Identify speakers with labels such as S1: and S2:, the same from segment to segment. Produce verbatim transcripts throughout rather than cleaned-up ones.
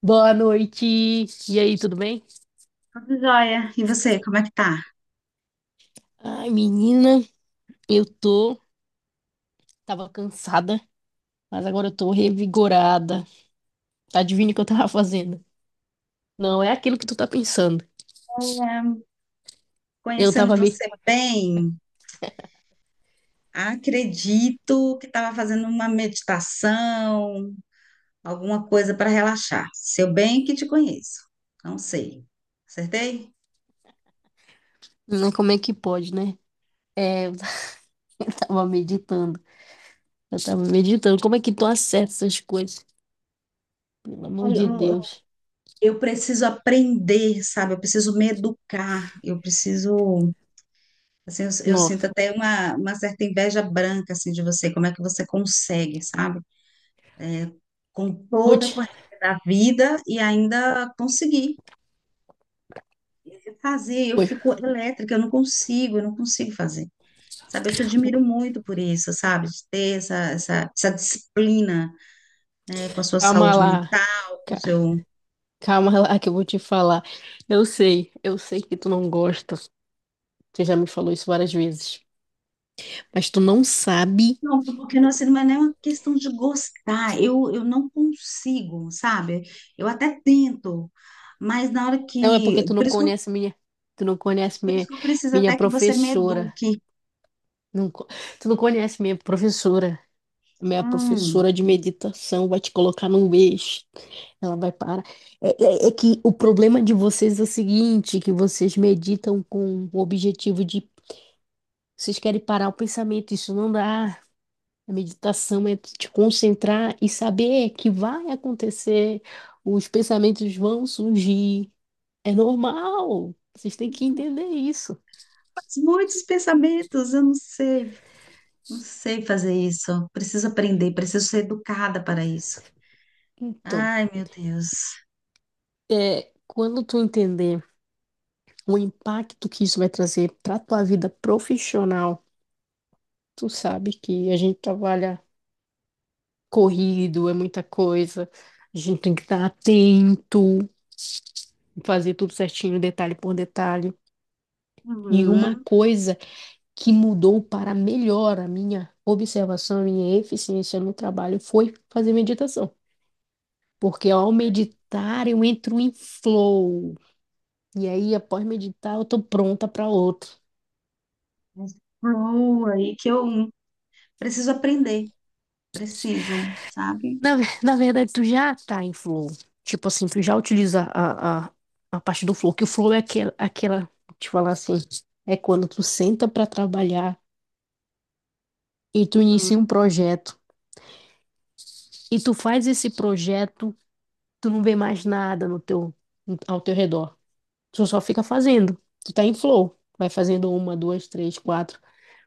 S1: Boa noite. E aí, tudo bem?
S2: Tudo jóia. E você, como é que tá?
S1: Ai, menina, eu tô. Tava cansada, mas agora eu tô revigorada. Adivinha o que eu tava fazendo? Não é aquilo que tu tá pensando. Eu
S2: Conhecendo
S1: tava me.
S2: você bem, acredito que estava fazendo uma meditação, alguma coisa para relaxar. Seu bem que te conheço. Não sei. Acertei?
S1: Não, como é que pode, né? É, eu tava meditando. Eu tava meditando. Como é que tu acerta essas coisas? Pelo amor
S2: Olha,
S1: de
S2: Eu, eu-
S1: Deus.
S2: eu preciso aprender, sabe? Eu preciso me educar. Eu preciso, assim, eu, eu sinto
S1: Nossa.
S2: até uma, uma certa inveja branca, assim, de você. Como é que você consegue, sabe? Com
S1: Vou
S2: toda a
S1: te.
S2: correria da vida e ainda conseguir fazer, eu
S1: vou-
S2: fico elétrica, eu não consigo, eu não consigo fazer. Sabe, eu te admiro muito por isso, sabe? De ter essa, essa, essa disciplina, né, com a sua
S1: Calma
S2: saúde
S1: lá.
S2: mental, com o
S1: ca-
S2: seu.
S1: Calma lá que eu vou te falar. Eu sei, eu sei que tu não gosta. Você já me falou isso várias vezes. Mas tu não sabe.
S2: Não, porque não, assim, não é nem uma questão de gostar. Eu, eu não consigo, sabe? Eu até tento, mas na hora
S1: Não, é
S2: que.
S1: porque tu não
S2: Por isso que eu,
S1: conhece minha, tu não conhece
S2: por isso
S1: minha,
S2: que eu preciso
S1: minha
S2: até que você me
S1: professora.
S2: eduque.
S1: Não, co- tu não conhece minha professora. Minha
S2: Hum,
S1: professora de meditação vai te colocar num eixo. Ela vai parar. É, é- é que o problema de vocês é o seguinte, que vocês meditam com o objetivo de... Vocês querem parar o pensamento, isso não dá. A meditação é te concentrar e saber que vai acontecer, os pensamentos vão surgir. É normal. Vocês têm que entender isso.
S2: mas muitos pensamentos, eu não sei, não sei fazer isso. Preciso aprender, preciso ser educada para isso.
S1: Então,
S2: Ai, meu Deus.
S1: é, quando tu entender o impacto que isso vai trazer para tua vida profissional, tu sabe que a gente trabalha corrido, é muita coisa. A gente tem que estar atento, fazer tudo certinho, detalhe por detalhe. E uma
S2: Uhum.
S1: coisa que mudou para melhor a minha observação, a minha eficiência no trabalho foi fazer meditação. Porque ao meditar eu entro em flow, e aí, após meditar, eu tô pronta para outro.
S2: Mas flow aí que eu preciso aprender, preciso, sabe?
S1: Na, ver- na verdade, tu já tá em flow. Tipo assim, tu já utiliza a, a, a parte do flow, que o flow é aquela, aquela, vou te falar assim, é quando tu senta para trabalhar e tu
S2: Hum,
S1: inicia um projeto. E tu faz esse projeto, tu não vê mais nada no teu, ao teu redor. Tu só fica fazendo. Tu tá em flow. Vai fazendo uma, duas, três, quatro.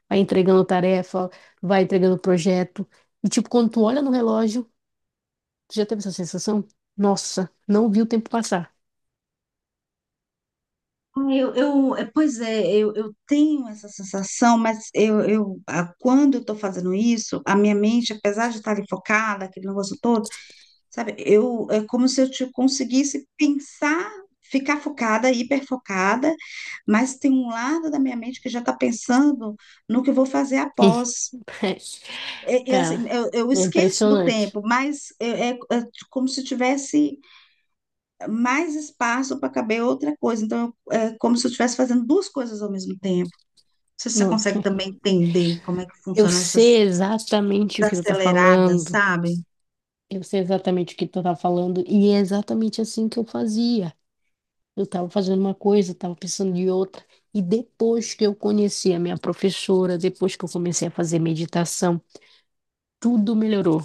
S1: Vai entregando tarefa, vai entregando projeto. E tipo, quando tu olha no relógio, tu já teve essa sensação? Nossa, não vi o tempo passar.
S2: Eu, eu, é, pois é, eu, eu tenho essa sensação, mas eu, eu, a- quando eu estou fazendo isso, a minha mente, apesar de estar ali focada, aquele negócio todo, sabe, eu, é como se eu te conseguisse pensar, ficar focada, hiperfocada, mas tem um lado da minha mente que já está pensando no que eu vou fazer após. é- é assim,
S1: Cara,
S2: eu, eu
S1: é
S2: esqueço do
S1: impressionante.
S2: tempo, mas é, é- é como se tivesse mais espaço para caber outra coisa. Então, eu- é como se eu estivesse fazendo duas coisas ao mesmo tempo. Não sei se você
S1: Não,
S2: consegue também entender como é que
S1: eu
S2: funcionam
S1: sei
S2: essas
S1: exatamente o que tu tá
S2: desaceleradas,
S1: falando.
S2: sabe?
S1: Eu sei exatamente o que tu tá falando e é exatamente assim que eu fazia. Eu tava fazendo uma coisa, tava pensando em outra. E depois que eu conheci a minha professora, depois que eu comecei a fazer meditação, tudo melhorou.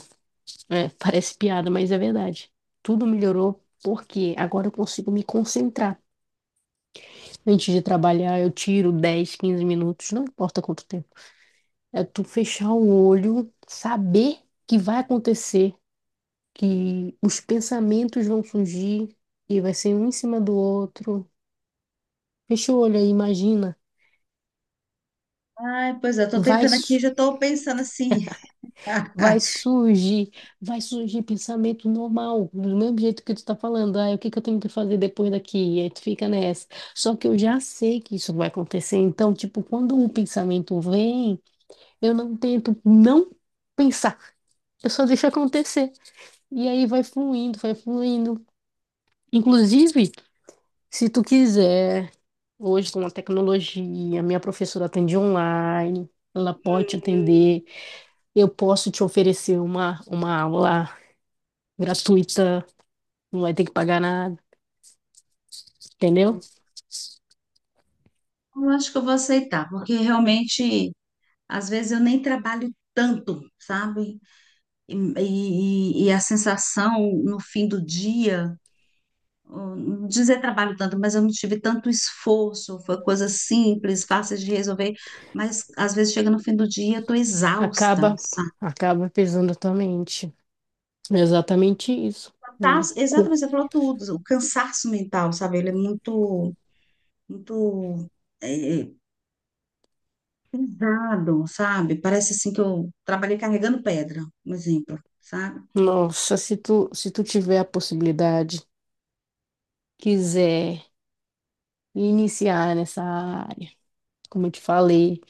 S1: É, parece piada, mas é verdade. Tudo melhorou porque agora eu consigo me concentrar. Antes de trabalhar, eu tiro dez, quinze minutos, não importa quanto tempo. É tu fechar o olho, saber que vai acontecer, que os pensamentos vão surgir e vai ser um em cima do outro. Fecha o olho aí, imagina.
S2: Ai, pois é, estou
S1: Vai,
S2: tentando aqui,
S1: su-
S2: já estou pensando assim.
S1: vai surgir, vai surgir pensamento normal, do mesmo jeito que tu tá falando. Ah, o que que eu tenho que fazer depois daqui? E aí tu fica nessa. Só que eu já sei que isso vai acontecer. Então, tipo, quando um pensamento vem. Eu não tento não pensar. Eu só deixo acontecer. E aí vai fluindo, vai fluindo. Inclusive, se tu quiser, hoje com a tecnologia, minha professora atende online, ela pode te atender. Eu posso te oferecer uma, uma aula gratuita, não vai ter que pagar nada, entendeu?
S2: Eu acho que eu vou aceitar, porque realmente, às vezes, eu nem trabalho tanto, sabe? E, e, e a sensação no fim do dia. Hum, dizer trabalho tanto, mas eu não tive tanto esforço, foi coisa simples, fácil de resolver, mas às vezes chega no fim do dia, eu estou
S1: Acaba,
S2: exausta, sabe?
S1: acaba pesando a tua mente. É exatamente isso, né?
S2: Cansaço-
S1: Com-
S2: exatamente, você falou tudo, o cansaço mental, sabe? Ele é muito, muito é, é, pesado, sabe? Parece assim que eu trabalhei carregando pedra, um exemplo, sabe?
S1: Nossa, se tu, se tu tiver a possibilidade, quiser me iniciar nessa área, como eu te falei.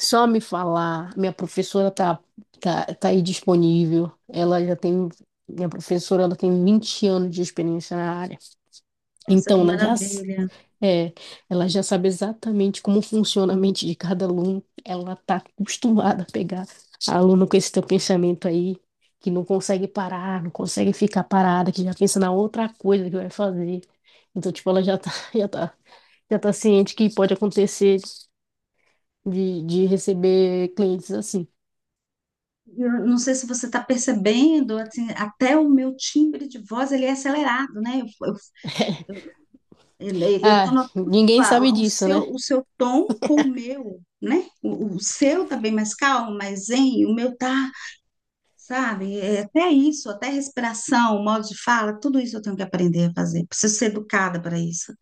S1: Só me falar, minha professora tá, tá, tá aí disponível. Ela já tem, minha professora, ela tem vinte anos de experiência na área.
S2: Nossa,
S1: Então,
S2: que
S1: ela já, s-
S2: maravilha.
S1: é, ela já sabe exatamente como funciona a mente de cada aluno. Ela tá acostumada a pegar aluno com esse teu pensamento aí, que não consegue parar, não consegue ficar parada, que já pensa na outra coisa que vai fazer. Então, tipo, ela já tá, já tá já tá ciente que pode acontecer de, de receber clientes assim.
S2: Eu não sei se você está percebendo, assim, até o meu timbre de voz ele é acelerado, né? Eu, eu- E daí eu estou
S1: Ah,
S2: notando
S1: ninguém sabe
S2: a- o
S1: disso, né?
S2: seu, o seu tom com o meu, né? O, o seu tá bem mais calmo, mais zen, o meu tá, sabe? É, até isso, até respiração, o modo de fala, tudo isso eu tenho que aprender a fazer. Preciso ser educada para isso.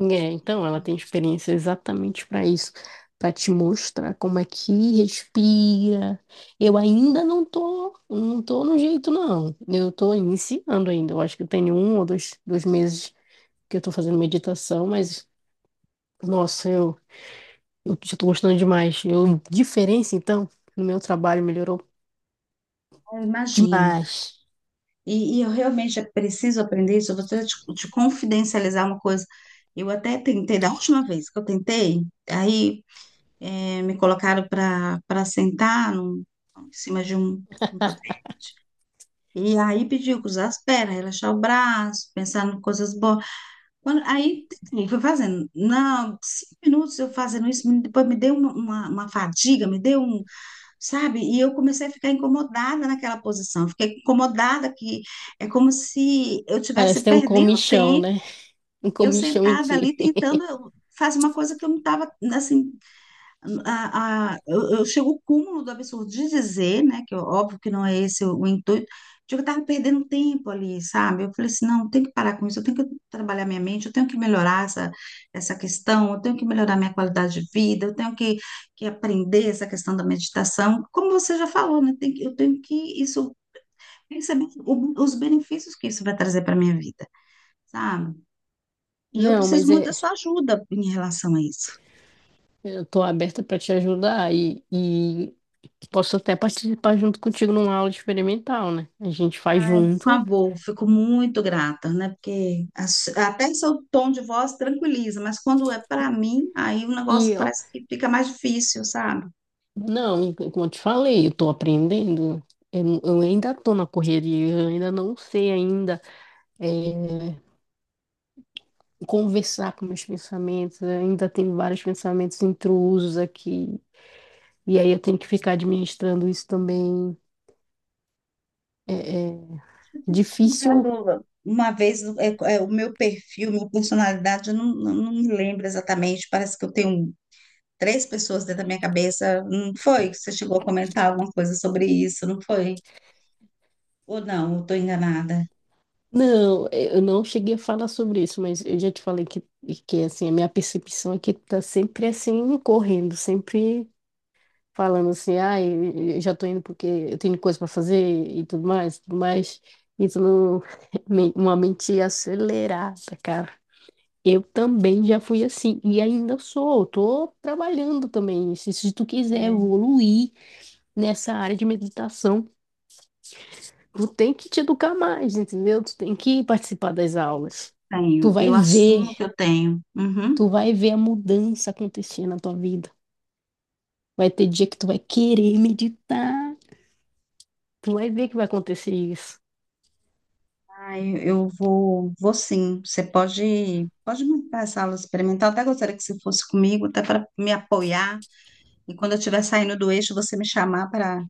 S1: É, então ela tem experiência exatamente para isso, para te mostrar como é que respira. Eu ainda não tô, não tô no jeito, não. Eu tô iniciando ainda. Eu acho que eu tenho um ou dois, dois meses que eu tô fazendo meditação, mas, nossa, eu, eu já tô gostando demais. Eu, diferença, então, no meu trabalho melhorou
S2: Eu imagino.
S1: demais.
S2: E, e eu realmente preciso aprender isso. Eu vou te, te confidencializar uma coisa. Eu até tentei, da última vez que eu tentei, aí eh, me colocaram para para sentar num- em cima de um, de um tapete. E aí pediu que usasse as pernas, relaxar o braço, pensar em coisas boas. Quando, aí eu fui fazendo. Não, cinco minutos eu fazendo isso, me- depois me deu uma, uma, uma fadiga, me deu um, sabe? E eu comecei a ficar incomodada naquela posição, fiquei incomodada que é como se eu
S1: Parece
S2: estivesse
S1: ter um
S2: perdendo
S1: comichão,
S2: tempo,
S1: né? Um
S2: eu
S1: comichão em
S2: sentada
S1: ti.
S2: ali tentando fazer uma coisa que eu não estava, assim, a, a- eu, eu chego ao cúmulo do absurdo de dizer, né, que óbvio que não é esse o, o intuito, de que eu estava perdendo tempo ali, sabe? Eu falei assim, não, eu tenho que parar com isso, eu tenho que trabalhar minha mente, eu tenho que melhorar essa, essa questão, eu tenho que melhorar minha qualidade de vida, eu tenho que, que aprender essa questão da meditação. Como você já falou, né, tem que- eu tenho que isso, perceber o- os benefícios que isso vai trazer para minha vida, sabe? E eu
S1: Não,
S2: preciso
S1: mas
S2: muito da
S1: é,
S2: sua ajuda em relação a isso.
S1: eu tô aberta para te ajudar e, e posso até participar junto contigo numa aula experimental, né? A gente faz
S2: Por
S1: junto
S2: favor, fico muito grata, né? Porque as- até seu tom de voz tranquiliza, mas quando é para mim, aí o negócio
S1: e, ó,
S2: parece que fica mais difícil, sabe?
S1: não, como eu te falei, eu tô aprendendo. Eu, eu ainda tô na correria, eu ainda não sei ainda é, conversar com meus pensamentos, eu ainda tenho vários pensamentos intrusos aqui. E aí eu tenho que ficar administrando isso também. É, é difícil.
S2: Caramba. Uma vez, é, é, o meu perfil, minha personalidade, eu não, não, não me lembro exatamente, parece que eu tenho três pessoas dentro da minha cabeça. Não foi? Que Você chegou a comentar alguma coisa sobre isso, não foi? Ou não, eu estou enganada?
S1: Não, eh, eu não cheguei a falar sobre isso, mas eu já te falei que, que assim, a minha percepção é que tá sempre assim, correndo, sempre falando assim, ah, eu eu já tô indo porque eu tenho coisa para fazer e tudo mais, tudo mais. Isso não, me- uma mente acelerada, cara. Eu também já fui assim, e ainda sou, tô trabalhando também. Se, se tu quiser
S2: É.
S1: evoluir nessa área de meditação, tu tem que te educar mais, entendeu? Tu tem que participar das aulas. Tu
S2: Tenho,
S1: vai
S2: eu
S1: ver,
S2: assumo que eu tenho. Uhum.
S1: tu vai ver a mudança acontecer na tua vida. Vai ter dia que tu vai querer meditar, tu vai ver que vai acontecer isso.
S2: Ai, eu vou, vou sim. Você pode, pode montar essa aula experimental. Até gostaria que você fosse comigo, até para me apoiar. E quando eu estiver saindo do eixo, você me chamar para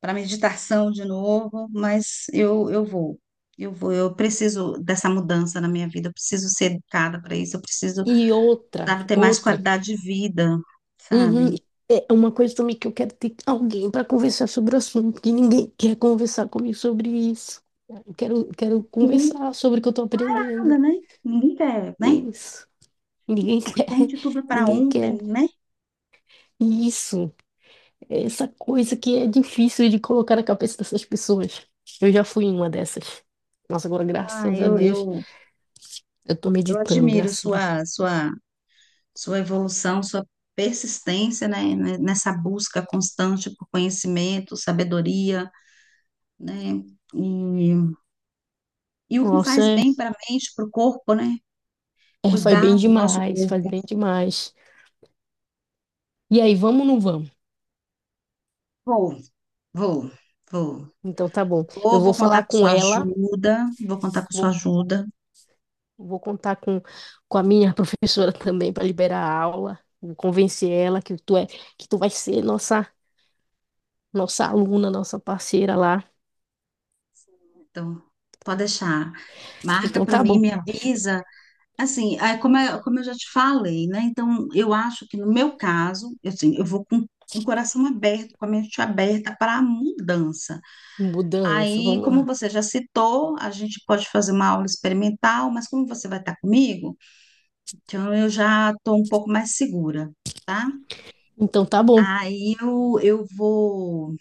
S2: para meditação de novo. Mas eu, eu vou, eu vou. Eu preciso dessa mudança na minha vida. Eu preciso ser educada para isso. Eu preciso,
S1: E outra,
S2: sabe, ter mais
S1: outra,
S2: qualidade de vida, sabe?
S1: uhum, é uma coisa também que eu quero ter alguém para conversar sobre o assunto, porque ninguém quer conversar comigo sobre isso. Eu quero, quero
S2: Ninguém
S1: conversar sobre o que eu estou
S2: nada,
S1: aprendendo.
S2: né? Ninguém quer, né?
S1: Isso. Ninguém quer,
S2: Urgente, tudo é para
S1: ninguém quer
S2: ontem, né?
S1: isso. É essa coisa que é difícil de colocar na cabeça dessas pessoas. Eu já fui uma dessas. Nossa, agora,
S2: Ah,
S1: graças a
S2: eu,
S1: Deus,
S2: eu,
S1: eu tô
S2: eu
S1: meditando,
S2: admiro
S1: graças a Deus.
S2: sua, sua sua evolução, sua persistência, né, né, nessa busca constante por conhecimento, sabedoria, né, e, e o que
S1: Nossa,
S2: faz
S1: é,
S2: bem para a mente, para o corpo, né,
S1: é, faz bem
S2: cuidar do nosso
S1: demais, faz
S2: corpo.
S1: bem demais. E aí, vamos ou não vamos?
S2: Vou, vou, vou.
S1: Então, tá bom. Eu
S2: Ou
S1: vou
S2: vou
S1: falar
S2: contar com
S1: com
S2: sua
S1: ela,
S2: ajuda, vou contar com
S1: vou,
S2: sua ajuda.
S1: vou contar com, com a minha professora também para liberar a aula, vou convencer ela que tu é, que tu vai ser nossa, nossa aluna, nossa parceira lá.
S2: Então, pode deixar. Marca
S1: Então,
S2: para
S1: tá
S2: mim,
S1: bom.
S2: me avisa. Assim, é, como, é- como eu já te falei, né? Então, eu acho que no meu caso, eu, assim, eu vou com, com o coração aberto, com a mente aberta para a mudança.
S1: Mudança,
S2: Aí,
S1: vamos
S2: como
S1: lá.
S2: você já citou, a gente pode fazer uma aula experimental, mas como você vai estar comigo, então eu já estou um pouco mais segura, tá?
S1: Então, tá bom.
S2: Aí eu, eu vou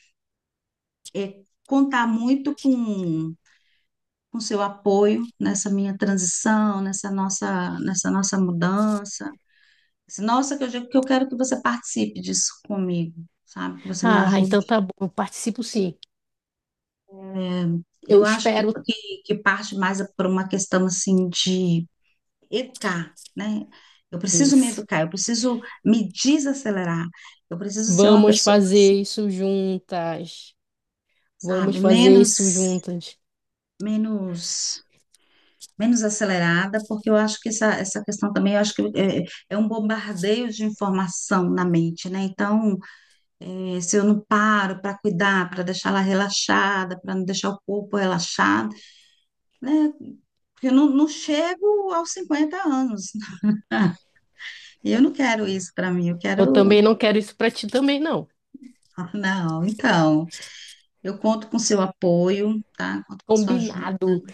S2: é, contar muito com com seu apoio nessa minha transição, nessa nossa, nessa nossa mudança. Assim, nossa, que eu, digo que eu quero que você participe disso comigo, sabe? Que você me
S1: Ah, então
S2: ajude.
S1: tá bom, eu participo sim.
S2: É,
S1: Eu
S2: eu acho que,
S1: espero
S2: que, que parte mais é por uma questão, assim, de educar, né? Eu preciso me
S1: isso.
S2: educar, eu preciso me desacelerar, eu preciso ser uma
S1: Vamos
S2: pessoa, assim,
S1: fazer isso juntas. Vamos
S2: sabe?
S1: fazer
S2: Menos,
S1: isso juntas.
S2: menos, menos acelerada, porque eu acho que essa, essa questão também, eu acho que é, é um bombardeio de informação na mente, né? Então, é, se eu não paro para cuidar, para deixar ela relaxada, para não deixar o corpo relaxado, né? Porque eu não, não chego aos cinquenta anos. E eu não quero isso para mim, eu
S1: Eu
S2: quero.
S1: também não quero isso pra ti também, não.
S2: Não, então, eu conto com seu apoio, tá? Conto com sua ajuda.
S1: Combinado.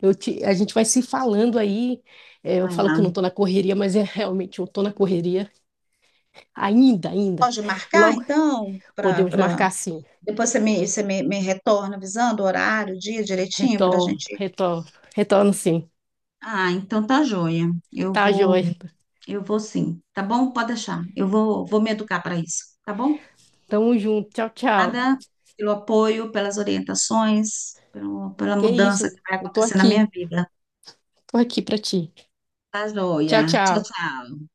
S1: Eu te, a gente vai se falando aí. É, eu falo que eu não tô na correria, mas é realmente eu tô na correria. Ainda, ainda.
S2: Pode marcar,
S1: Logo
S2: então, para.
S1: podemos
S2: para
S1: marcar sim.
S2: Depois você me, você me, me retorna avisando o horário, o dia direitinho, para a
S1: Retorno,
S2: gente.
S1: retorno, retorno sim.
S2: Ah, então tá joia. Eu
S1: Tá, joia.
S2: vou. Eu vou sim, tá bom? Pode deixar. Eu vou, vou me educar para isso, tá bom?
S1: Tamo junto. Tchau, tchau.
S2: Nada pelo apoio, pelas orientações, pelo- pela
S1: Que
S2: mudança
S1: isso?
S2: que vai
S1: Eu tô
S2: acontecer na
S1: aqui.
S2: minha vida.
S1: Tô aqui pra ti.
S2: Tá
S1: Tchau,
S2: joia. Tchau,
S1: tchau.
S2: tchau.